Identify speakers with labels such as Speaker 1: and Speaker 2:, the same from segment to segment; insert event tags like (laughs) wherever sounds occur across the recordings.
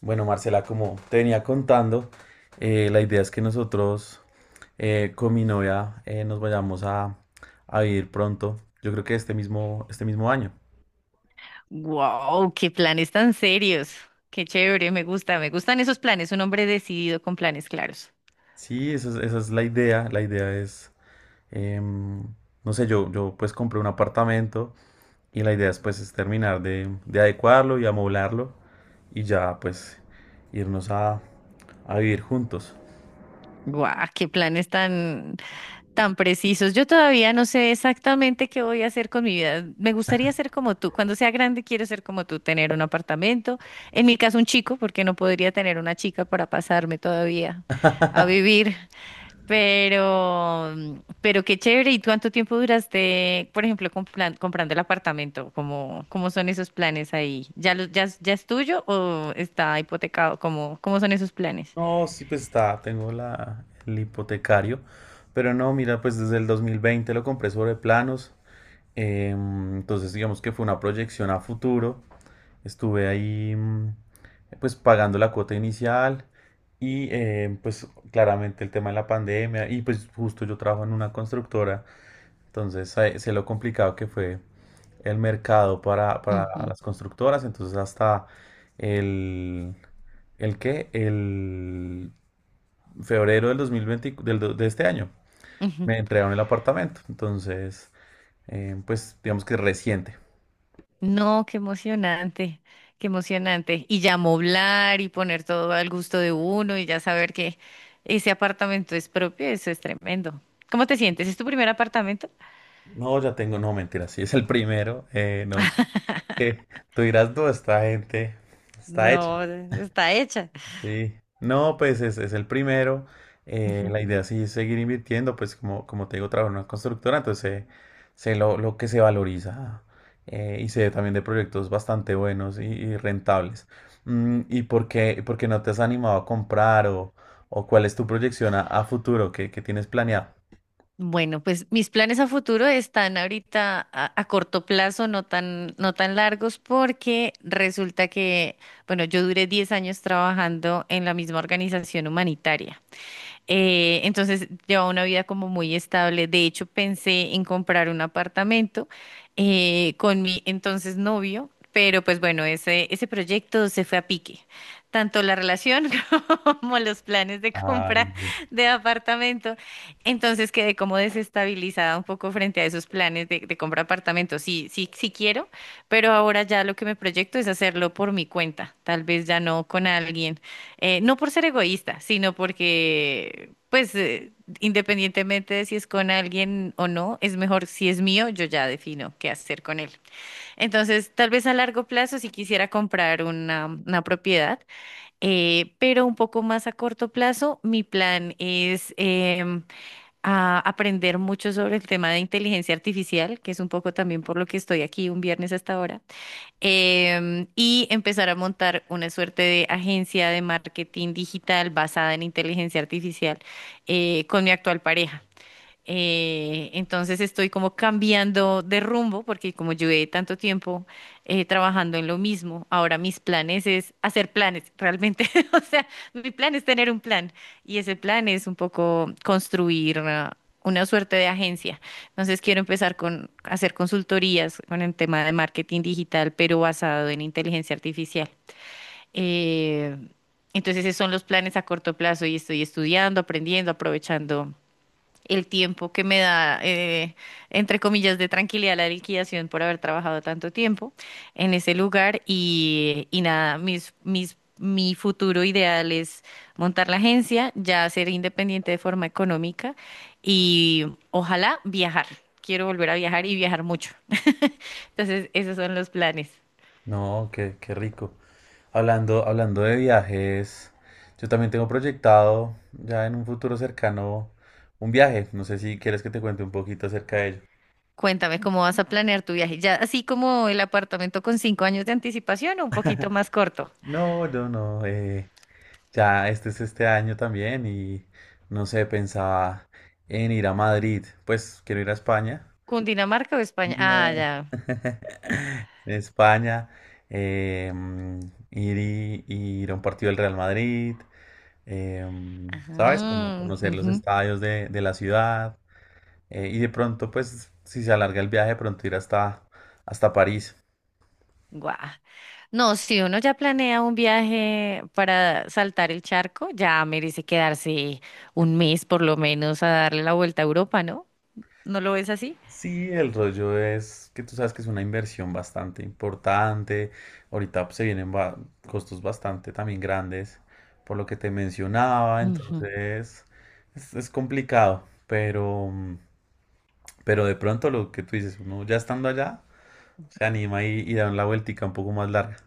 Speaker 1: Bueno, Marcela, como te venía contando, la idea es que nosotros con mi novia nos vayamos a vivir pronto. Yo creo que este mismo año.
Speaker 2: Wow, qué planes tan serios. Qué chévere, me gusta, me gustan esos planes, un hombre decidido con planes claros.
Speaker 1: Sí, esa es la idea. Em, no sé, yo pues compré un apartamento y la idea es pues es terminar de adecuarlo y amoblarlo y ya pues irnos a vivir juntos.
Speaker 2: Guau, qué planes tan precisos. Yo todavía no sé exactamente qué voy a hacer con mi vida. Me gustaría ser como tú. Cuando sea grande, quiero ser como tú, tener un apartamento. En mi caso, un chico, porque no podría tener una chica para pasarme todavía a vivir. Pero, pero qué chévere. ¿Y cuánto tiempo duraste, por ejemplo, comprando el apartamento? ¿Cómo son esos planes ahí? ¿Ya es tuyo o está hipotecado? ¿Cómo son esos planes?
Speaker 1: No, sí, pues está, el hipotecario, pero no, mira, pues desde el 2020 lo compré sobre planos, entonces digamos que fue una proyección a futuro, estuve ahí, pues pagando la cuota inicial y pues claramente el tema de la pandemia y pues justo yo trabajo en una constructora, entonces sé lo complicado que fue el mercado para
Speaker 2: Ujú,
Speaker 1: las constructoras, entonces hasta el... ¿El qué? El febrero del 2020, de este año,
Speaker 2: ujú.
Speaker 1: me entregaron el apartamento. Entonces, pues digamos que es reciente.
Speaker 2: No, qué emocionante, qué emocionante. Y ya moblar y poner todo al gusto de uno y ya saber que ese apartamento es propio, eso es tremendo. ¿Cómo te sientes? ¿Es tu primer apartamento?
Speaker 1: No, ya tengo, no, mentira, sí, es el primero. No, que tú dirás, no, esta gente está hecha.
Speaker 2: No, está hecha.
Speaker 1: Sí, no, pues es el primero.
Speaker 2: Ujú.
Speaker 1: La idea sí es seguir invirtiendo, pues como, como te digo, trabajo en una constructora, entonces sé, lo que se valoriza, y sé también de proyectos bastante buenos y rentables. Mm, y por qué no te has animado a comprar o cuál es tu proyección a futuro que tienes planeado?
Speaker 2: Bueno, pues mis planes a futuro están ahorita a corto plazo, no tan largos, porque resulta que, bueno, yo duré 10 años trabajando en la misma organización humanitaria. Entonces lleva una vida como muy estable. De hecho, pensé en comprar un apartamento con mi entonces novio, pero pues bueno, ese proyecto se fue a pique. Tanto la relación (laughs) como los planes de
Speaker 1: Ay,
Speaker 2: compra de apartamento. Entonces quedé como desestabilizada un poco frente a esos planes de compra de apartamento. Sí, sí, sí quiero, pero ahora ya lo que me proyecto es hacerlo por mi cuenta, tal vez ya no con alguien. No por ser egoísta, sino porque, pues, independientemente de si es con alguien o no, es mejor si es mío, yo ya defino qué hacer con él. Entonces, tal vez a largo plazo si quisiera comprar una propiedad, pero un poco más a corto plazo, mi plan es a aprender mucho sobre el tema de inteligencia artificial, que es un poco también por lo que estoy aquí un viernes hasta ahora y empezar a montar una suerte de agencia de marketing digital basada en inteligencia artificial con mi actual pareja. Entonces estoy como cambiando de rumbo porque como llevé tanto tiempo trabajando en lo mismo, ahora mis planes es hacer planes realmente. (laughs) O sea, mi plan es tener un plan y ese plan es un poco construir una suerte de agencia. Entonces quiero empezar con hacer consultorías con el tema de marketing digital, pero basado en inteligencia artificial. Eh, entonces esos son los planes a corto plazo y estoy estudiando, aprendiendo, aprovechando el tiempo que me da, entre comillas, de tranquilidad la liquidación por haber trabajado tanto tiempo en ese lugar y, y nada, mi futuro ideal es montar la agencia, ya ser independiente de forma económica y ojalá viajar. Quiero volver a viajar y viajar mucho. (laughs) Entonces, esos son los planes.
Speaker 1: no, qué, qué rico. Hablando, hablando de viajes, yo también tengo proyectado ya en un futuro cercano un viaje. No sé si quieres que te cuente un poquito acerca de ello.
Speaker 2: Cuéntame, ¿cómo vas a planear tu viaje? ¿Ya así como el apartamento con 5 años de anticipación o un poquito más corto?
Speaker 1: No, yo no. Ya este es este año también y no sé, pensaba en ir a Madrid. Pues quiero ir a España.
Speaker 2: ¿Cundinamarca o España? Ah,
Speaker 1: No.
Speaker 2: ya.
Speaker 1: (laughs) España. eh, mm, ir, y- ir a un partido del Real Madrid. ¿Sabes? Como
Speaker 2: Ah,
Speaker 1: conocer los
Speaker 2: ujú,
Speaker 1: estadios de la ciudad. Y de pronto, pues, si se alarga el viaje, de pronto ir hasta París.
Speaker 2: guau. No, si uno ya planea un viaje para saltar el charco, ya merece quedarse un mes por lo menos a darle la vuelta a Europa, ¿no? ¿No lo ves así?
Speaker 1: Sí, el rollo es que tú sabes que es una inversión bastante importante. Ahorita pues, costos bastante también grandes, por lo que te mencionaba.
Speaker 2: Ujú.
Speaker 1: Entonces, es complicado, pero, pero de pronto lo que tú dices, uno ya estando allá, se anima y da la vueltica un poco más larga.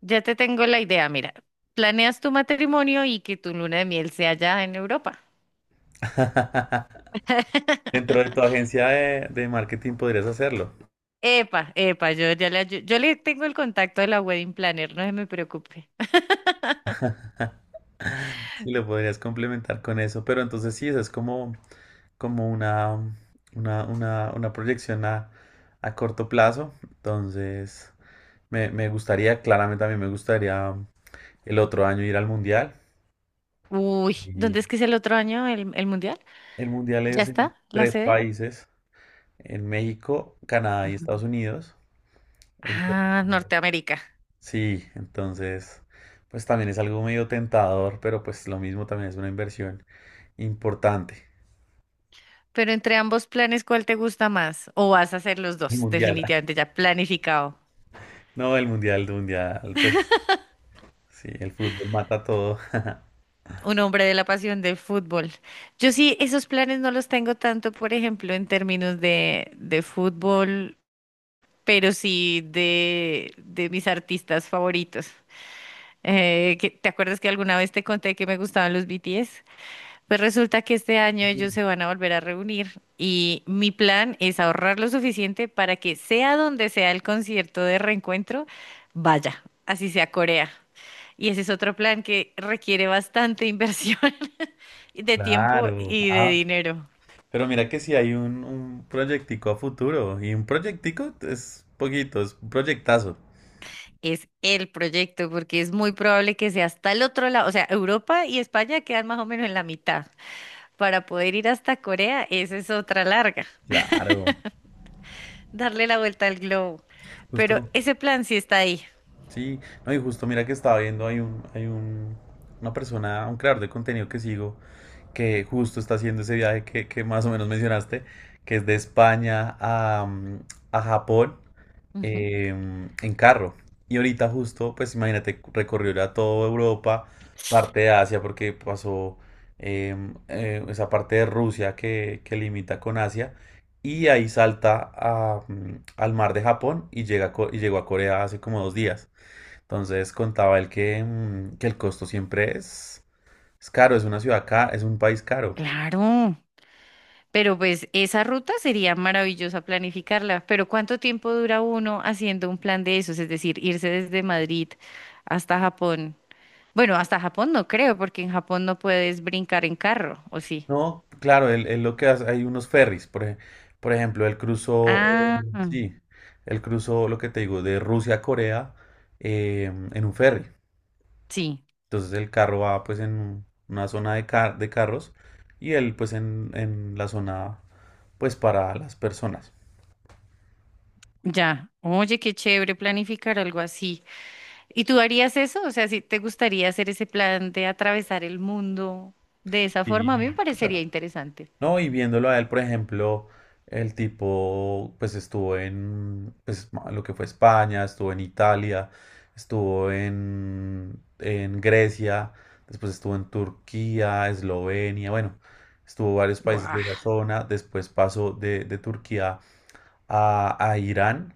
Speaker 2: Ya te tengo la idea, mira. Planeas tu matrimonio y que tu luna de miel sea allá en Europa.
Speaker 1: (laughs) Dentro
Speaker 2: (laughs)
Speaker 1: de tu agencia de marketing podrías hacerlo.
Speaker 2: Epa, epa, yo le tengo el contacto de la wedding planner, no se me preocupe.
Speaker 1: Sí, lo podrías complementar con eso, pero entonces sí, esa es como, como una, una proyección a corto plazo. Entonces, me gustaría, claramente a mí me gustaría el otro año ir al Mundial.
Speaker 2: Uy,
Speaker 1: Y
Speaker 2: ¿dónde es que es el otro año el mundial?
Speaker 1: el Mundial
Speaker 2: ¿Ya
Speaker 1: es en
Speaker 2: está la
Speaker 1: tres
Speaker 2: sede?
Speaker 1: países, en México, Canadá y Estados Unidos. Entonces,
Speaker 2: Ah, Norteamérica.
Speaker 1: sí, entonces, pues también es algo medio tentador, pero pues lo mismo también es una inversión importante.
Speaker 2: Pero entre ambos planes, ¿cuál te gusta más? ¿O vas a hacer los
Speaker 1: El
Speaker 2: dos?
Speaker 1: Mundial.
Speaker 2: Definitivamente ya planificado.
Speaker 1: No, el mundial, pues sí, el fútbol mata todo. (laughs)
Speaker 2: Un hombre de la pasión del fútbol. Yo sí, esos planes no los tengo tanto, por ejemplo, en términos de fútbol, pero sí de mis artistas favoritos. ¿Te acuerdas que alguna vez te conté que me gustaban los BTS? Pues resulta que este año ellos
Speaker 1: Mm.
Speaker 2: se van a volver a reunir y mi plan es ahorrar lo suficiente para que sea donde sea el concierto de reencuentro, vaya, así sea Corea. Y ese es otro plan que requiere bastante inversión (laughs) de tiempo
Speaker 1: Claro.
Speaker 2: y de
Speaker 1: Ah,
Speaker 2: dinero.
Speaker 1: pero mira que si hay un proyectico a futuro y un proyectico es poquito, es un proyectazo.
Speaker 2: Es el proyecto porque es muy probable que sea hasta el otro lado, o sea, Europa y España quedan más o menos en la mitad. Para poder ir hasta Corea, esa es otra larga,
Speaker 1: Claro.
Speaker 2: darle la vuelta al globo. Pero
Speaker 1: Justo,
Speaker 2: ese plan sí está ahí.
Speaker 1: sí. No, y justo mira que estaba viendo, hay un, una persona, un creador de contenido que sigo que justo está haciendo ese viaje que más o menos mencionaste, que es de España a Japón,
Speaker 2: Ujú.
Speaker 1: en carro. Y ahorita justo, pues imagínate, recorrió ya toda Europa, parte de Asia, porque pasó esa parte de Rusia que limita con Asia, y ahí salta al mar de Japón y, y llegó a Corea hace como dos días. Entonces contaba él que que el costo siempre es caro, es una ciudad cara, es un país caro.
Speaker 2: Claro, pero pues esa ruta sería maravillosa planificarla, pero ¿cuánto tiempo dura uno haciendo un plan de esos? Es decir, irse desde Madrid hasta Japón. Bueno, hasta Japón no creo, porque en Japón no puedes brincar en carro, ¿o sí?
Speaker 1: No, claro, él lo que hace, hay unos ferries, por ejemplo,
Speaker 2: Ah,
Speaker 1: sí, él cruzó lo que te digo, de Rusia a Corea, eh, en un ferry.
Speaker 2: sí,
Speaker 1: Entonces el carro va pues una zona de, de carros y él pues en la zona pues para las personas.
Speaker 2: ya. Oye, qué chévere planificar algo así. ¿Y tú harías eso? O sea, si te gustaría hacer ese plan de atravesar el mundo de esa forma, a mí me
Speaker 1: Sí.
Speaker 2: parecería interesante.
Speaker 1: No, y viéndolo a él, por ejemplo, el tipo pues estuvo en pues, lo que fue España, estuvo en Italia, estuvo en Grecia, después estuvo en Turquía, Eslovenia, bueno, estuvo varios países de
Speaker 2: Guau.
Speaker 1: esa zona, después pasó de Turquía a Irán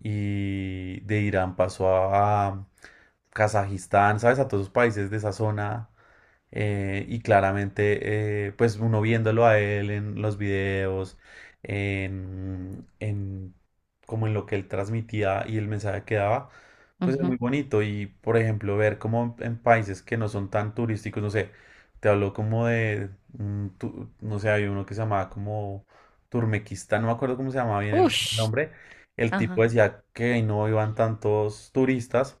Speaker 1: y de Irán pasó a Kazajistán, ¿sabes? A todos los países de esa zona, y claramente, pues uno viéndolo a él en los videos, en como en lo que él transmitía y el mensaje que daba, pues es
Speaker 2: Ujú.
Speaker 1: muy bonito. Y por ejemplo, ver como en países que no son tan turísticos, no sé, te hablo como de, no sé, había uno que se llamaba como Turmequistán, no me acuerdo cómo se llamaba bien el
Speaker 2: Ush,
Speaker 1: nombre. El tipo
Speaker 2: ajá,
Speaker 1: decía que ahí no iban tantos turistas,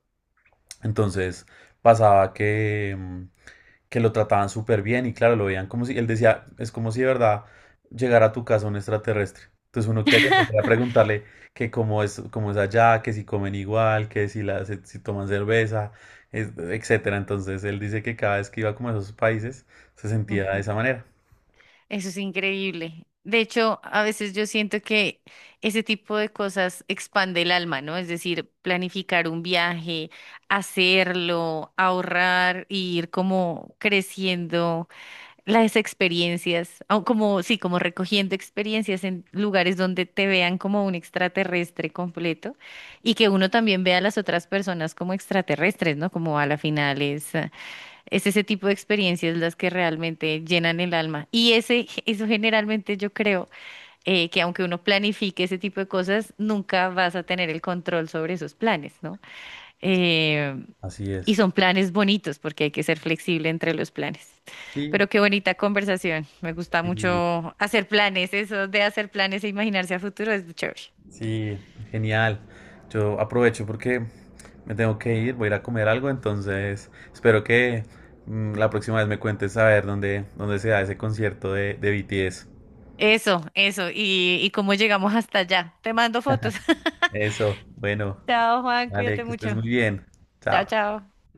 Speaker 1: entonces pasaba que. Que lo trataban súper bien y claro, lo veían como si, él decía, es como si de verdad llegara a tu casa un extraterrestre. Entonces uno que empezar a preguntarle que cómo es allá, que si comen igual, que si, la, si, si toman cerveza, etcétera. Entonces él dice que cada vez que iba como a esos países se sentía de
Speaker 2: ujú.
Speaker 1: esa manera.
Speaker 2: Eso es increíble. De hecho, a veces yo siento que ese tipo de cosas expande el alma, ¿no? Es decir, planificar un viaje, hacerlo, ahorrar, y ir como creciendo las experiencias, o como, sí, como recogiendo experiencias en lugares donde te vean como un extraterrestre completo y que uno también vea a las otras personas como extraterrestres, ¿no? Como a la final es. Es ese tipo de experiencias las que realmente llenan el alma. Y ese, eso generalmente yo creo que aunque uno planifique ese tipo de cosas, nunca vas a tener el control sobre esos planes, ¿no? Eh,
Speaker 1: Así
Speaker 2: y
Speaker 1: es.
Speaker 2: son planes bonitos porque hay que ser flexible entre los planes.
Speaker 1: Sí.
Speaker 2: Pero qué bonita conversación. Me gusta
Speaker 1: Y
Speaker 2: mucho hacer planes. Eso de hacer planes e imaginarse a futuro es chévere.
Speaker 1: sí, genial. Yo aprovecho porque me tengo que ir, voy a ir a comer algo, entonces espero que, la próxima vez me cuentes a ver dónde, dónde se da ese concierto de BTS.
Speaker 2: Eso, eso. Y cómo llegamos hasta allá. Te mando fotos. (laughs)
Speaker 1: Eso, bueno,
Speaker 2: Chao, Juan.
Speaker 1: vale,
Speaker 2: Cuídate
Speaker 1: que estés
Speaker 2: mucho.
Speaker 1: muy bien.
Speaker 2: Chao,
Speaker 1: Chao.
Speaker 2: chao.